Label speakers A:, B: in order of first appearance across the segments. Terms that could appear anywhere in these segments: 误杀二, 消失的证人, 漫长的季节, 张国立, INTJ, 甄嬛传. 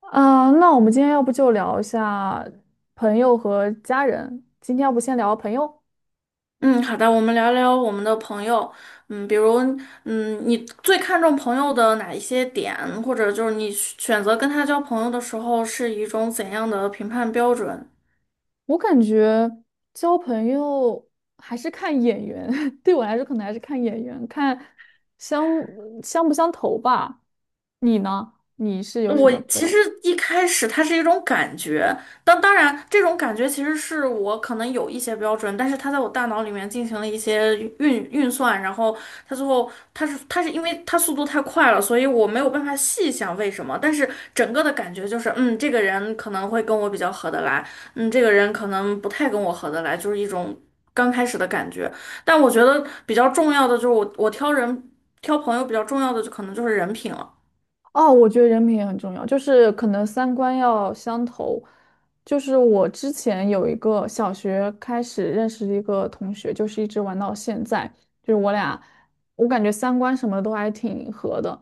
A: 啊，那我们今天要不就聊一下朋友和家人。今天要不先聊朋友？
B: 嗯，好的，我们聊聊我们的朋友。嗯，比如，嗯，你最看重朋友的哪一些点，或者就是你选择跟他交朋友的时候是一种怎样的评判标准？
A: 我感觉交朋友还是看眼缘，对我来说可能还是看眼缘，看相相不相投吧。你呢？你是有什
B: 我
A: 么不
B: 其
A: 要？
B: 实一开始它是一种感觉，当然这种感觉其实是我可能有一些标准，但是它在我大脑里面进行了一些运算，然后它最后它是因为它速度太快了，所以我没有办法细想为什么，但是整个的感觉就是，嗯，这个人可能会跟我比较合得来，嗯，这个人可能不太跟我合得来，就是一种刚开始的感觉。但我觉得比较重要的就是我挑朋友比较重要的就可能就是人品了。
A: 哦，我觉得人品也很重要，就是可能三观要相投。就是我之前有一个小学开始认识的一个同学，就是一直玩到现在，就是我俩，我感觉三观什么的都还挺合的。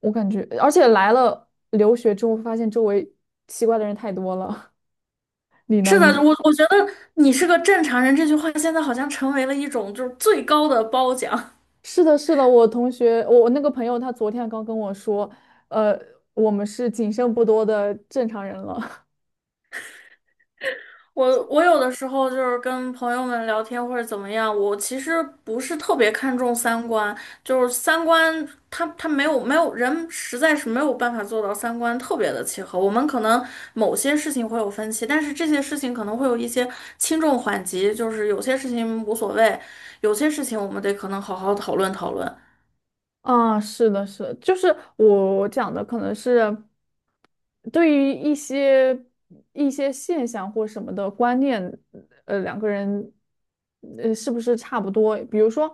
A: 我感觉，而且来了留学之后，发现周围奇怪的人太多了。你
B: 是
A: 呢？
B: 的，我觉得你是个正常人这句话现在好像成为了一种就是最高的褒奖。
A: 是的，是的，我同学，我那个朋友，他昨天刚跟我说，呃，我们是仅剩不多的正常人了。
B: 我有的时候就是跟朋友们聊天或者怎么样，我其实不是特别看重三观，就是三观他他没有没有人实在是没有办法做到三观特别的契合。我们可能某些事情会有分歧，但是这些事情可能会有一些轻重缓急，就是有些事情无所谓，有些事情我们得可能好好讨论讨论。
A: 啊，是的，是的，就是我讲的可能是对于一些现象或什么的观念，两个人是不是差不多？比如说，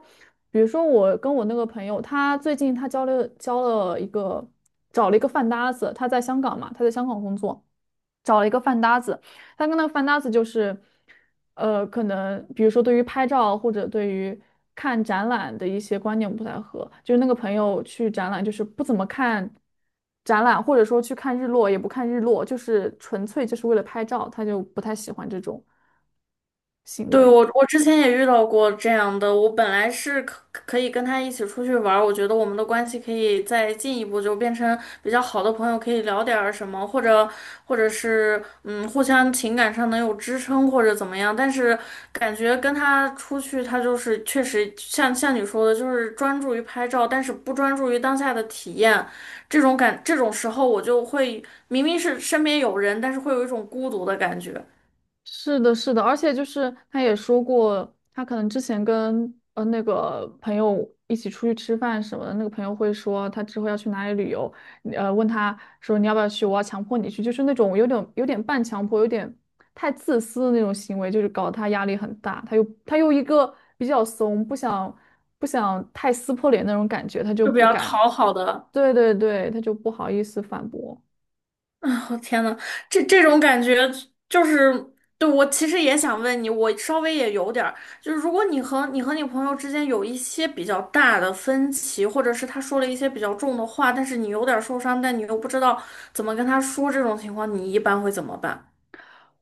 A: 比如说我跟我那个朋友，他最近他交了交了一个找了一个饭搭子，他在香港嘛，他在香港工作。找了一个饭搭子，他跟那个饭搭子就是，可能比如说对于拍照或者对于看展览的一些观念不太合，就是那个朋友去展览就是不怎么看展览，或者说去看日落也不看日落，就是纯粹就是为了拍照，他就不太喜欢这种行
B: 对，
A: 为。
B: 我之前也遇到过这样的，我本来是可以跟他一起出去玩儿，我觉得我们的关系可以再进一步，就变成比较好的朋友，可以聊点儿什么，或者是嗯，互相情感上能有支撑或者怎么样。但是感觉跟他出去，他就是确实像你说的，就是专注于拍照，但是不专注于当下的体验。这种时候，我就会明明是身边有人，但是会有一种孤独的感觉，
A: 是的，是的，而且就是他也说过，他可能之前跟那个朋友一起出去吃饭什么的，那个朋友会说他之后要去哪里旅游，问他说你要不要去，我要强迫你去，就是那种有点半强迫，有点太自私的那种行为，就是搞得他压力很大，他又一个比较怂，不想太撕破脸那种感觉，他就
B: 就比
A: 不
B: 较
A: 敢。
B: 讨好的。
A: 对对对，他就不好意思反驳。
B: 啊，我天呐，这种感觉就是，对，我其实也想问你，我稍微也有点儿，就是如果你朋友之间有一些比较大的分歧，或者是他说了一些比较重的话，但是你有点儿受伤，但你又不知道怎么跟他说，这种情况你一般会怎么办？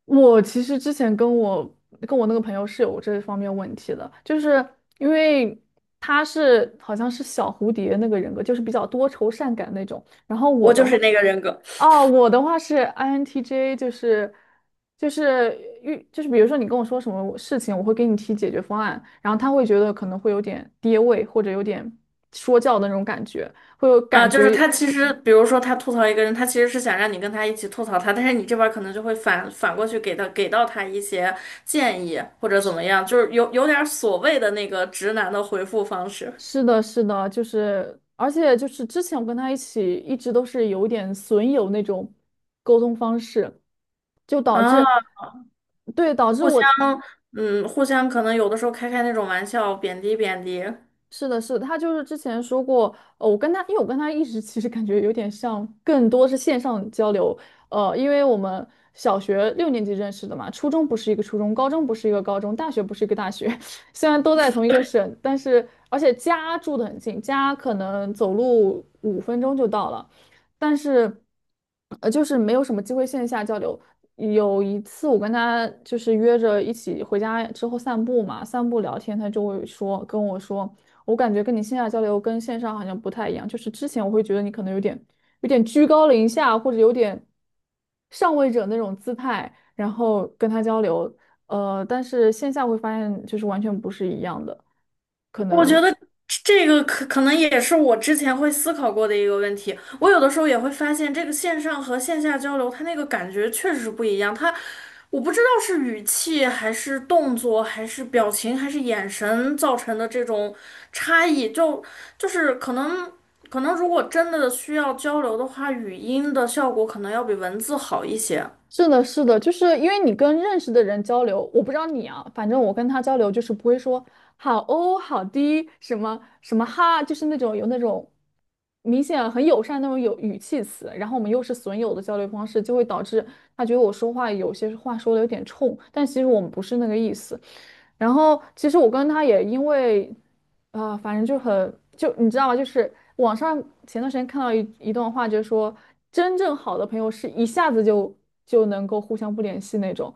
A: 我其实之前跟我那个朋友是有这方面问题的，就是因为好像是小蝴蝶那个人格，就是比较多愁善感那种。然后我
B: 我就
A: 的话，
B: 是那个人格。
A: 哦，我的话是 INTJ,就是就是比如说你跟我说什么事情，我会给你提解决方案，然后他会觉得可能会有点跌位或者有点说教的那种感觉，会有
B: 啊，
A: 感
B: 就是
A: 觉。
B: 他其实，比如说他吐槽一个人，他其实是想让你跟他一起吐槽他，但是你这边儿可能就会反过去给他给到他一些建议或者怎么样，就是有点儿所谓的那个直男的回复方式。
A: 是的，是的，就是，而且就是之前我跟他一起一直都是有点损友那种沟通方式，就导
B: 啊，
A: 致，对，导致
B: 互相
A: 我。
B: 嗯，互相可能有的时候开那种玩笑，贬低。
A: 是的，是的，他就是之前说过，我跟他，因为我跟他一直 其实感觉有点像，更多是线上交流，因为我们小学六年级认识的嘛，初中不是一个初中，高中不是一个高中，大学不是一个大学，虽然都在同一个省，而且家住的很近，家可能走路五分钟就到了，但是，就是没有什么机会线下交流。有一次我跟他就是约着一起回家之后散步嘛，散步聊天，他就会说跟我说。我感觉跟你线下交流跟线上好像不太一样，就是之前我会觉得你可能有点居高临下，或者有点上位者那种姿态，然后跟他交流，但是线下会发现就是完全不是一样的，可
B: 我觉
A: 能。
B: 得这个可能也是我之前会思考过的一个问题。我有的时候也会发现，这个线上和线下交流，它那个感觉确实不一样。它，我不知道是语气还是动作，还是表情，还是眼神造成的这种差异，就是可能。可能如果真的需要交流的话，语音的效果可能要比文字好一些。
A: 是的，是的，就是因为你跟认识的人交流，我不知道你啊，反正我跟他交流就是不会说好哦、好滴、什么什么哈，就是那种有那种明显很友善那种有语气词，然后我们又是损友的交流方式，就会导致他觉得我说话有些话说的有点冲，但其实我们不是那个意思。然后其实我跟他也因为，啊，反正就很就你知道吗？就是网上前段时间看到一段话，就是说真正好的朋友是一下子就能够互相不联系那种，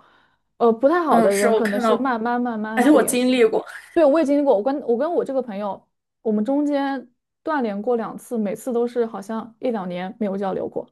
A: 不太好
B: 嗯，
A: 的
B: 是
A: 人
B: 我
A: 可能
B: 看
A: 是
B: 到过，
A: 慢慢慢慢
B: 而且
A: 不
B: 我
A: 联
B: 经
A: 系。
B: 历过。
A: 对，我也经历过，我跟这个朋友，我们中间断联过两次，每次都是好像一两年没有交流过。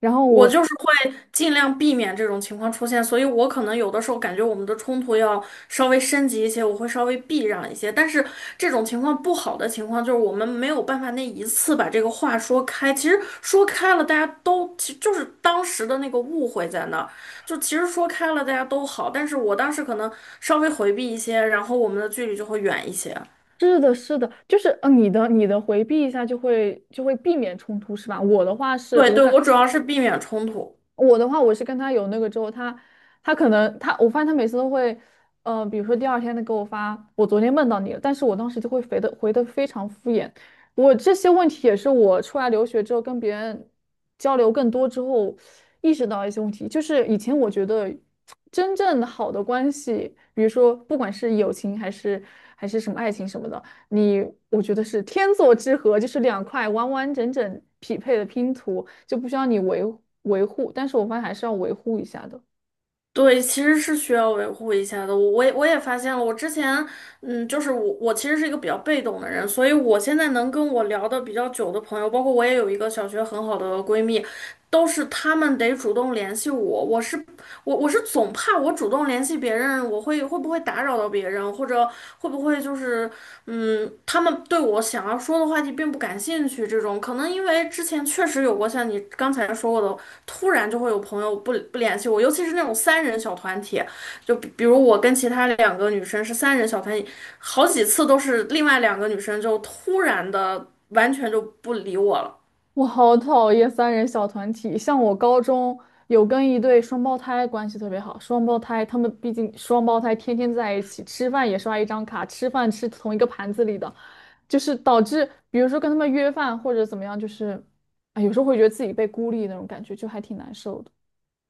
A: 然后
B: 我
A: 我。
B: 就是会尽量避免这种情况出现，所以我可能有的时候感觉我们的冲突要稍微升级一些，我会稍微避让一些。但是这种情况不好的情况就是我们没有办法那一次把这个话说开。其实说开了，大家都其实就是当时的那个误会在那儿，就其实说开了大家都好，但是我当时可能稍微回避一些，然后我们的距离就会远一些。
A: 是的，是的，就是你的回避一下就会避免冲突是吧？
B: 对对，我主要是避免冲突。
A: 我的话，我是跟他有那个之后，他他可能他，我发现他每次都会，比如说第二天他给我发，我昨天梦到你了，但是我当时就会回的非常敷衍。我这些问题也是我出来留学之后跟别人交流更多之后意识到一些问题，就是以前我觉得真正好的关系，比如说不管是友情还是什么爱情什么的。你我觉得是天作之合，就是两块完完整整匹配的拼图，就不需要你维护。但是我发现还是要维护一下的。
B: 对，其实是需要维护一下的。我也发现了，我之前，嗯，就是我其实是一个比较被动的人，所以我现在能跟我聊的比较久的朋友，包括我也有一个小学很好的闺蜜，都是她们得主动联系我。我是总怕我主动联系别人，我会不会打扰到别人，或者会不会就是，嗯，他们对我想要说的话题并不感兴趣这种。可能因为之前确实有过像你刚才说过的。突然就会有朋友不联系我，尤其是那种三人小团体，就比如我跟其他两个女生是三人小团体，好几次都是另外两个女生就突然的完全就不理我了。
A: 我好讨厌三人小团体，像我高中有跟一对双胞胎关系特别好，双胞胎他们毕竟双胞胎天天在一起，吃饭也刷一张卡，吃饭吃同一个盘子里的，就是导致比如说跟他们约饭或者怎么样，就是啊有时候会觉得自己被孤立那种感觉，就还挺难受的。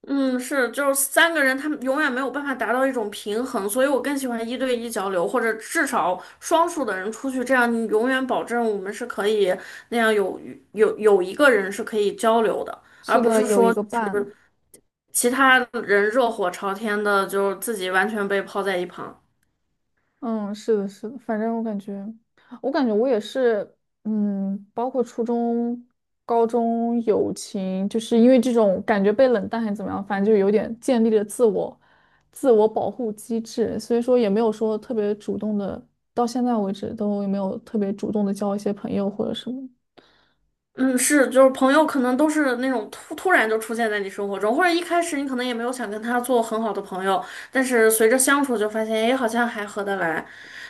B: 嗯，是，就是三个人，他们永远没有办法达到一种平衡，所以我更喜欢一对一交流，或者至少双数的人出去，这样你永远保证我们是可以那样有一个人是可以交流的，
A: 是
B: 而不
A: 的，
B: 是
A: 有一
B: 说
A: 个伴。
B: 其他人热火朝天的，就是自己完全被抛在一旁。
A: 嗯，是的，是的，反正我感觉，我也是，嗯，包括初中、高中友情，就是因为这种感觉被冷淡还是怎么样，反正就有点建立了自我保护机制，所以说也没有说特别主动的，到现在为止都也没有特别主动的交一些朋友或者什么的。
B: 嗯，是，就是朋友可能都是那种突然就出现在你生活中，或者一开始你可能也没有想跟他做很好的朋友，但是随着相处就发现，哎，好像还合得来。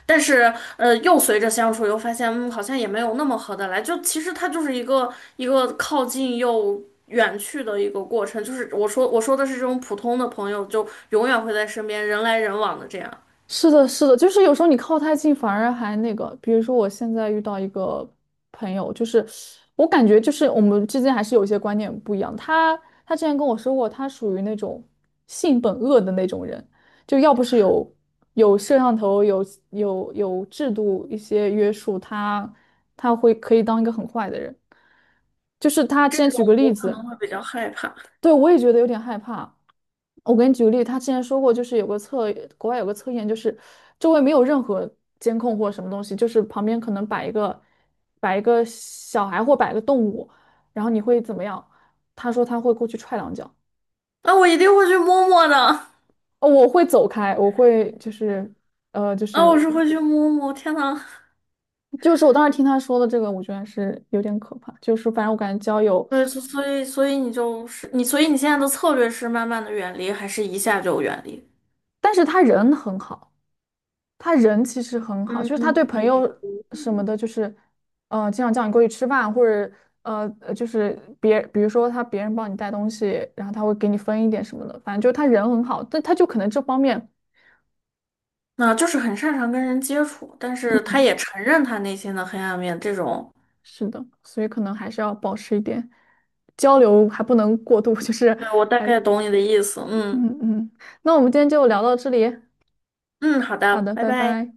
B: 但是，又随着相处又发现，嗯，好像也没有那么合得来。就其实他就是一个靠近又远去的一个过程。就是我说的是这种普通的朋友，就永远会在身边，人来人往的这样，
A: 是的，是的，就是有时候你靠太近反而还那个，比如说我现在遇到一个朋友，就是我感觉就是我们之间还是有一些观念不一样。他之前跟我说过，他属于那种性本恶的那种人，就要不是有摄像头、有制度一些约束，他会可以当一个很坏的人。就是他之前举个例
B: 我可
A: 子。
B: 能会比较害怕。
A: 对，我也觉得有点害怕。我给你举个例，他之前说过，就是有个测，国外有个测验，就是周围没有任何监控或什么东西，就是旁边可能摆一个小孩或摆个动物，然后你会怎么样？他说他会过去踹两脚。
B: 那我一定会去摸摸的。
A: 哦，我会走开，我会就是呃就
B: 啊，我
A: 是
B: 是会去摸摸。天呐，
A: 就是我当时听他说的这个，我觉得还是有点可怕，就是反正我感觉交友，
B: 对，所以你就是你，所以你现在的策略是慢慢的远离，还是一下就远离？
A: 但是他人很好。他人其实很好，就
B: 嗯，
A: 是他对朋
B: 比
A: 友什么的，就是，经常叫你过去吃饭，或者呃，呃就是别，比如说他别人帮你带东西，然后他会给你分一点什么的，反正就是他人很好，但他就可能这方面。
B: 那就是很擅长跟人接触，但是他也承认他内心的黑暗面，这种，
A: 是的，所以可能还是要保持一点交流，还不能过度，就是
B: 对，我大
A: 还，
B: 概懂你的意思。嗯
A: 嗯嗯，那我们今天就聊到这里。
B: 嗯，好
A: 好
B: 的，
A: 的，
B: 拜
A: 拜
B: 拜。
A: 拜。